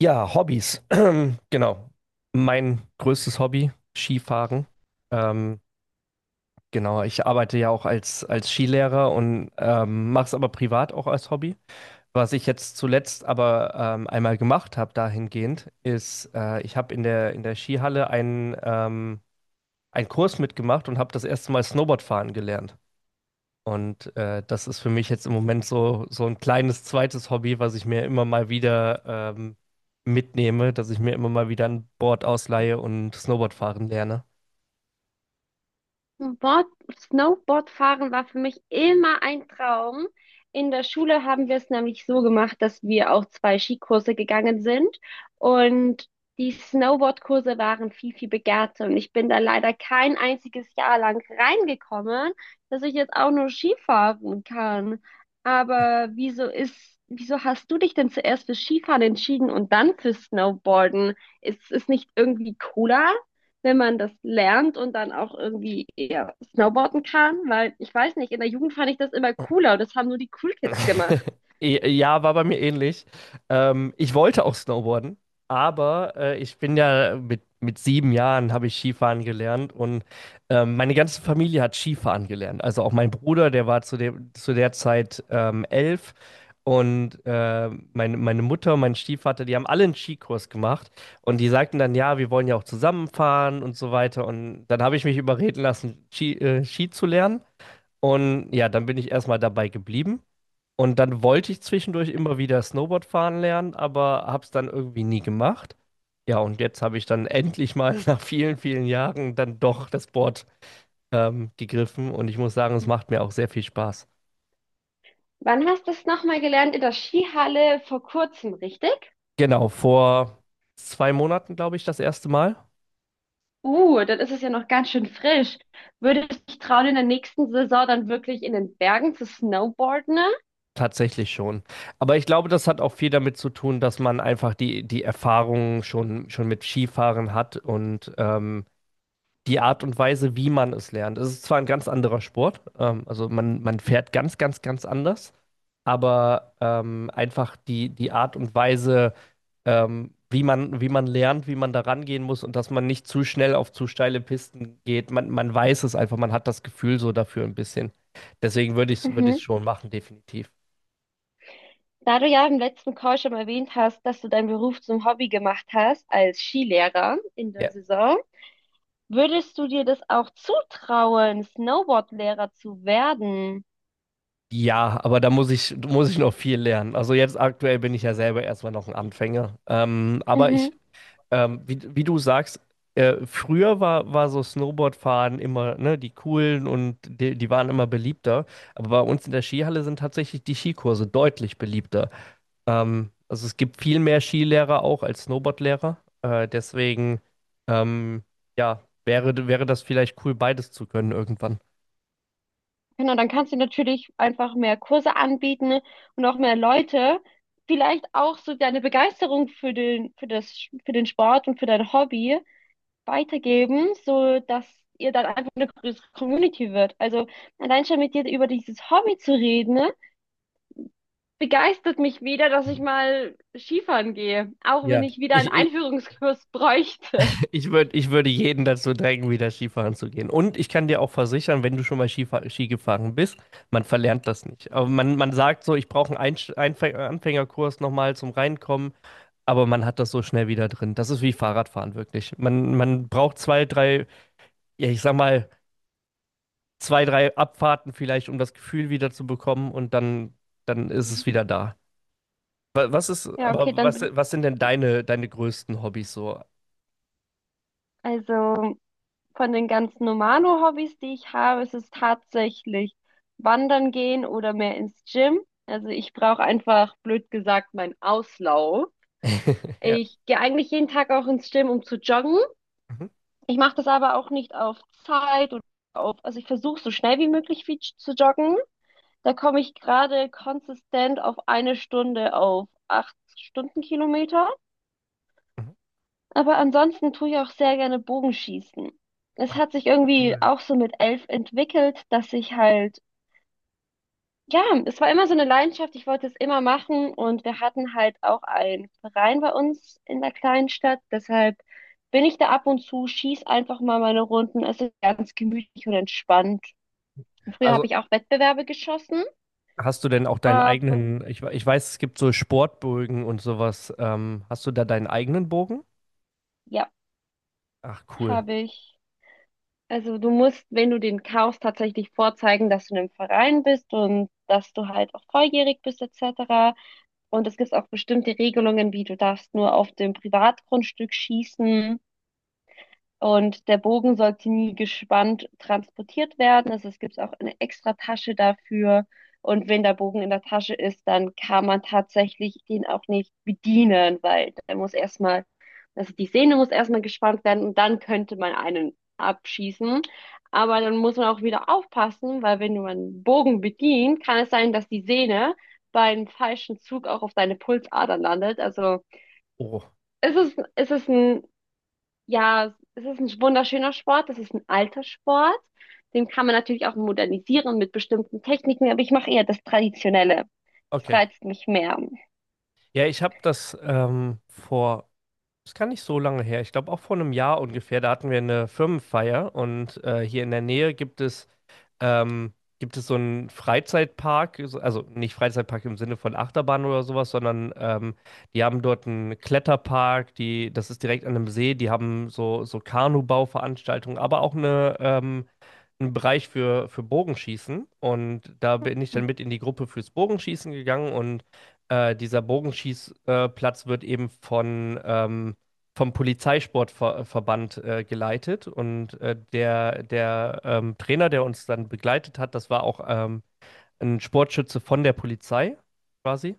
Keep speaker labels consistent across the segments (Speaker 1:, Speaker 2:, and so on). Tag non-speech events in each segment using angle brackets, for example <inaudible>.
Speaker 1: Ja, Hobbys. <clears throat> Genau. Mein größtes Hobby, Skifahren. Ähm, genau, ich arbeite ja auch als Skilehrer und mache es aber privat auch als Hobby. Was ich jetzt zuletzt aber einmal gemacht habe dahingehend, ist, ich habe in der Skihalle einen Kurs mitgemacht und habe das erste Mal Snowboardfahren gelernt. Und das ist für mich jetzt im Moment so ein kleines zweites Hobby, was ich mir immer mal wieder mitnehme, dass ich mir immer mal wieder ein Board ausleihe und Snowboard fahren lerne.
Speaker 2: Board, Snowboardfahren war für mich immer ein Traum. In der Schule haben wir es nämlich so gemacht, dass wir auch zwei Skikurse gegangen sind und die Snowboardkurse waren viel, viel begehrter und ich bin da leider kein einziges Jahr lang reingekommen, dass ich jetzt auch nur Skifahren kann. Aber wieso hast du dich denn zuerst für Skifahren entschieden und dann für Snowboarden? Ist es nicht irgendwie cooler, wenn man das lernt und dann auch irgendwie eher snowboarden kann, weil ich weiß nicht, in der Jugend fand ich das immer cooler und das haben nur die Cool Kids gemacht.
Speaker 1: <laughs> Ja, war bei mir ähnlich. Ich wollte auch Snowboarden, aber ich bin ja mit 7 Jahren habe ich Skifahren gelernt und meine ganze Familie hat Skifahren gelernt. Also auch mein Bruder, der war zu der Zeit 11 und meine Mutter und mein Stiefvater, die haben alle einen Skikurs gemacht und die sagten dann, ja, wir wollen ja auch zusammenfahren und so weiter. Und dann habe ich mich überreden lassen, Ski zu lernen und ja, dann bin ich erstmal dabei geblieben. Und dann wollte ich zwischendurch immer wieder Snowboard fahren lernen, aber habe es dann irgendwie nie gemacht. Ja, und jetzt habe ich dann endlich mal <laughs> nach vielen, vielen Jahren dann doch das Board gegriffen und ich muss sagen, es macht mir auch sehr viel Spaß.
Speaker 2: Wann hast du es nochmal gelernt? In der Skihalle vor kurzem, richtig?
Speaker 1: Genau, vor 2 Monaten, glaube ich, das erste Mal.
Speaker 2: Dann ist es ja noch ganz schön frisch. Würdest du dich trauen, in der nächsten Saison dann wirklich in den Bergen zu snowboarden?
Speaker 1: Tatsächlich schon. Aber ich glaube, das hat auch viel damit zu tun, dass man einfach die Erfahrung schon mit Skifahren hat und die Art und Weise, wie man es lernt. Es ist zwar ein ganz anderer Sport, also man fährt ganz, ganz, ganz anders, aber einfach die Art und Weise, wie man lernt, wie man da rangehen muss und dass man nicht zu schnell auf zu steile Pisten geht. Man weiß es einfach, man hat das Gefühl so dafür ein bisschen. Deswegen würde
Speaker 2: Mhm.
Speaker 1: ich schon machen, definitiv.
Speaker 2: Da du ja im letzten Call schon erwähnt hast, dass du deinen Beruf zum Hobby gemacht hast als Skilehrer in der
Speaker 1: Ja.
Speaker 2: Saison, würdest du dir das auch zutrauen, Snowboardlehrer zu werden?
Speaker 1: Ja, aber da muss ich noch viel lernen. Also jetzt aktuell bin ich ja selber erstmal noch ein Anfänger. Ähm, aber ich
Speaker 2: Mhm.
Speaker 1: Ähm, wie, wie du sagst, früher war so Snowboardfahren immer, ne, die coolen und die waren immer beliebter. Aber bei uns in der Skihalle sind tatsächlich die Skikurse deutlich beliebter. Also es gibt viel mehr Skilehrer auch als Snowboardlehrer. Deswegen, ähm, ja, wäre das vielleicht cool, beides zu können irgendwann.
Speaker 2: Genau, dann kannst du natürlich einfach mehr Kurse anbieten und auch mehr Leute. Vielleicht auch so deine Begeisterung für den Sport und für dein Hobby weitergeben, so dass ihr dann einfach eine größere Community wird. Also allein schon mit dir über dieses Hobby zu reden, ne, begeistert mich wieder, dass ich mal Skifahren gehe, auch wenn
Speaker 1: Ja,
Speaker 2: ich wieder einen
Speaker 1: ich, ich,
Speaker 2: Einführungskurs <laughs> bräuchte.
Speaker 1: ich würde jeden dazu drängen, wieder Skifahren zu gehen. Und ich kann dir auch versichern, wenn du schon mal Ski gefahren bist, man verlernt das nicht. Aber man sagt so, ich brauche einen Anfängerkurs nochmal zum Reinkommen, aber man hat das so schnell wieder drin. Das ist wie Fahrradfahren wirklich. Man braucht ja, ich sag mal, zwei, drei Abfahrten vielleicht, um das Gefühl wieder zu bekommen und dann ist
Speaker 2: Mhm.
Speaker 1: es wieder da. Wa- Was ist,
Speaker 2: Ja, okay,
Speaker 1: aber was,
Speaker 2: dann
Speaker 1: was sind denn deine größten Hobbys so?
Speaker 2: Also von den ganzen Normalo-Hobbys, die ich habe, ist es tatsächlich wandern gehen oder mehr ins Gym. Also ich brauche einfach, blöd gesagt, meinen Auslauf.
Speaker 1: <laughs> Ja.
Speaker 2: Ich gehe eigentlich jeden Tag auch ins Gym, um zu joggen.
Speaker 1: Mhm.
Speaker 2: Ich mache das aber auch nicht auf Zeit oder auf, also ich versuche so schnell wie möglich viel zu joggen. Da komme ich gerade konsistent auf eine Stunde auf 8 Stundenkilometer.
Speaker 1: Mhm.
Speaker 2: Aber ansonsten tue ich auch sehr gerne Bogenschießen. Es
Speaker 1: Ach,
Speaker 2: hat sich irgendwie
Speaker 1: cool.
Speaker 2: auch so mit 11 entwickelt, dass ich halt, ja, es war immer so eine Leidenschaft, ich wollte es immer machen und wir hatten halt auch einen Verein bei uns in der kleinen Stadt, deshalb bin ich da ab und zu, schieß einfach mal meine Runden, es ist ganz gemütlich und entspannt. Früher habe
Speaker 1: Also,
Speaker 2: ich auch Wettbewerbe geschossen,
Speaker 1: hast du denn auch deinen
Speaker 2: aber
Speaker 1: eigenen, ich weiß, es gibt so Sportbögen und sowas. Hast du da deinen eigenen Bogen?
Speaker 2: ja,
Speaker 1: Ach, cool.
Speaker 2: habe ich. Also du musst, wenn du den kaufst, tatsächlich vorzeigen, dass du in einem Verein bist und dass du halt auch volljährig bist etc. Und es gibt auch bestimmte Regelungen, wie du darfst nur auf dem Privatgrundstück schießen und der Bogen sollte nie gespannt transportiert werden. Also es gibt auch eine extra Tasche dafür. Und wenn der Bogen in der Tasche ist, dann kann man tatsächlich den auch nicht bedienen, weil der muss erstmal, also die Sehne muss erstmal gespannt werden und dann könnte man einen abschießen. Aber dann muss man auch wieder aufpassen, weil wenn man einen Bogen bedient, kann es sein, dass die Sehne beim falschen Zug auch auf deine Pulsadern landet. Also
Speaker 1: Oh,
Speaker 2: es ist, es ist ein ja, es ist ein wunderschöner Sport, es ist ein alter Sport. Den kann man natürlich auch modernisieren mit bestimmten Techniken, aber ich mache eher das Traditionelle. Das
Speaker 1: okay.
Speaker 2: reizt mich mehr.
Speaker 1: Ja, ich habe das das kann nicht so lange her, ich glaube auch vor einem Jahr ungefähr, da hatten wir eine Firmenfeier und hier in der Nähe gibt es ähm, so einen Freizeitpark, also nicht Freizeitpark im Sinne von Achterbahn oder sowas, sondern die haben dort einen Kletterpark, das ist direkt an einem See, die haben so Kanubau-Veranstaltungen, aber auch einen Bereich für Bogenschießen und da bin ich dann mit in die Gruppe fürs Bogenschießen gegangen und dieser Bogenschießplatz Platz wird eben vom Polizeisportverband geleitet und der Trainer, der uns dann begleitet hat, das war auch ein Sportschütze von der Polizei quasi.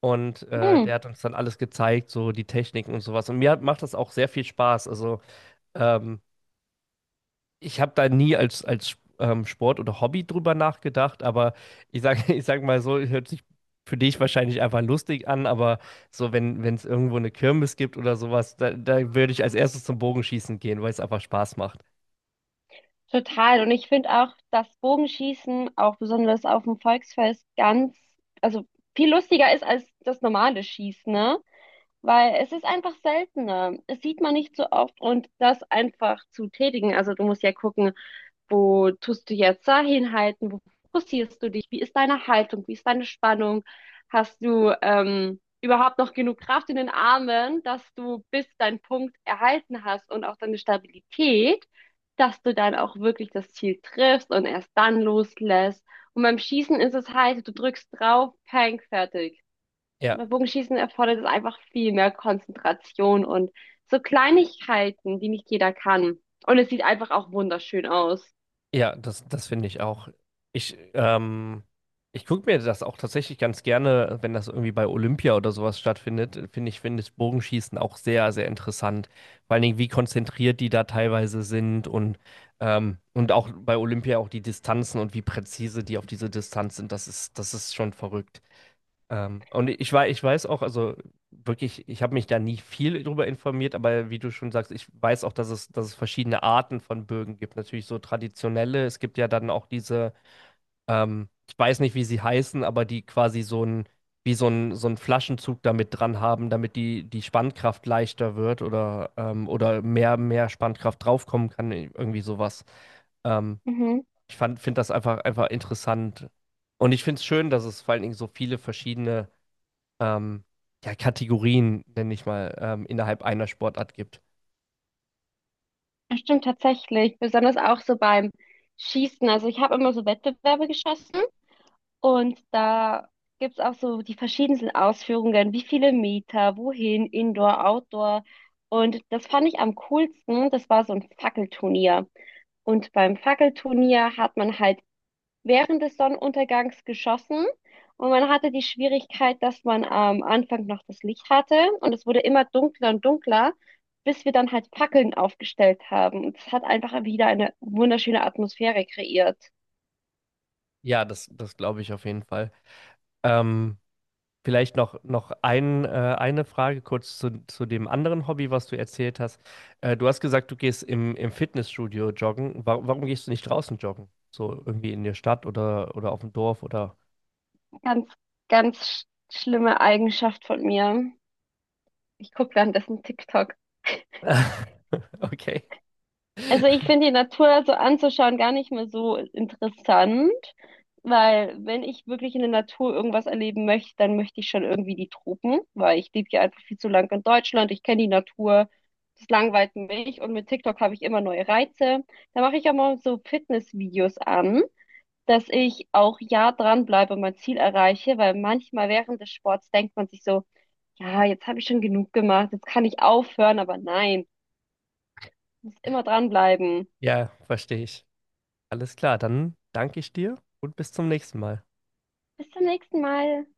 Speaker 1: Und
Speaker 2: Hm,
Speaker 1: der hat uns dann alles gezeigt, so die Techniken und sowas. Und mir macht das auch sehr viel Spaß. Also ähm, ich habe da nie als Sport oder Hobby drüber nachgedacht, aber ich sage <laughs> ich sag mal so, hört sich für dich wahrscheinlich einfach lustig an, aber so, wenn es irgendwo eine Kirmes gibt oder sowas, da würde ich als erstes zum Bogenschießen gehen, weil es einfach Spaß macht.
Speaker 2: total. Und ich finde auch das Bogenschießen, auch besonders auf dem Volksfest, ganz, also viel lustiger ist als das normale Schießen, ne? Weil es ist einfach seltener. Es sieht man nicht so oft und das einfach zu tätigen. Also du musst ja gucken, wo tust du jetzt da hinhalten? Wo fokussierst du dich? Wie ist deine Haltung? Wie ist deine Spannung? Hast du überhaupt noch genug Kraft in den Armen, dass du bis deinen Punkt erhalten hast und auch deine Stabilität, dass du dann auch wirklich das Ziel triffst und erst dann loslässt? Und beim Schießen ist es halt, du drückst drauf, peng, fertig. Und
Speaker 1: Ja.
Speaker 2: beim Bogenschießen erfordert es einfach viel mehr Konzentration und so Kleinigkeiten, die nicht jeder kann. Und es sieht einfach auch wunderschön aus.
Speaker 1: Ja, das finde ich auch. Ich, ähm, ich gucke mir das auch tatsächlich ganz gerne, wenn das irgendwie bei Olympia oder sowas stattfindet, finde ich Bogenschießen auch sehr, sehr interessant. Vor allen Dingen, wie konzentriert die da teilweise sind und, und auch bei Olympia auch die Distanzen und wie präzise die auf diese Distanz sind, das ist schon verrückt. Und ich weiß auch, also wirklich, ich habe mich da nie viel drüber informiert, aber wie du schon sagst, ich weiß auch, dass es verschiedene Arten von Bögen gibt. Natürlich so traditionelle, es gibt ja dann auch diese, ich weiß nicht, wie sie heißen, aber die quasi so ein, wie so ein Flaschenzug damit dran haben, damit die Spannkraft leichter wird oder, oder mehr Spannkraft draufkommen kann, irgendwie sowas. Ähm,
Speaker 2: Mhm.
Speaker 1: Ich finde das einfach, einfach interessant. Und ich finde es schön, dass es vor allen Dingen so viele verschiedene ähm, ja, Kategorien, nenne ich mal, innerhalb einer Sportart gibt.
Speaker 2: Das stimmt tatsächlich, besonders auch so beim Schießen. Also ich habe immer so Wettbewerbe geschossen und da gibt's auch so die verschiedensten Ausführungen, wie viele Meter, wohin, Indoor, Outdoor. Und das fand ich am coolsten, das war so ein Fackelturnier. Und beim Fackelturnier hat man halt während des Sonnenuntergangs geschossen und man hatte die Schwierigkeit, dass man am Anfang noch das Licht hatte und es wurde immer dunkler und dunkler, bis wir dann halt Fackeln aufgestellt haben. Und es hat einfach wieder eine wunderschöne Atmosphäre kreiert.
Speaker 1: Ja, das glaube ich auf jeden Fall. Ähm, Vielleicht noch eine Frage kurz zu dem anderen Hobby, was du erzählt hast. Du hast gesagt, du gehst im Fitnessstudio joggen. Wa warum gehst du nicht draußen joggen? So irgendwie in der Stadt oder auf dem Dorf oder.
Speaker 2: Ganz, ganz schlimme Eigenschaft von mir. Ich gucke währenddessen TikTok.
Speaker 1: <laughs> Okay.
Speaker 2: Also ich finde die Natur so anzuschauen gar nicht mehr so interessant, weil wenn ich wirklich in der Natur irgendwas erleben möchte, dann möchte ich schon irgendwie die Tropen, weil ich lebe hier einfach viel zu lang in Deutschland, ich kenne die Natur, das langweilt mich und mit TikTok habe ich immer neue Reize. Da mache ich auch mal so Fitnessvideos an, dass ich auch ja dranbleibe und mein Ziel erreiche, weil manchmal während des Sports denkt man sich so, ja, jetzt habe ich schon genug gemacht, jetzt kann ich aufhören, aber nein, ich muss immer dranbleiben.
Speaker 1: Ja, verstehe ich. Alles klar, dann danke ich dir und bis zum nächsten Mal.
Speaker 2: Bis zum nächsten Mal.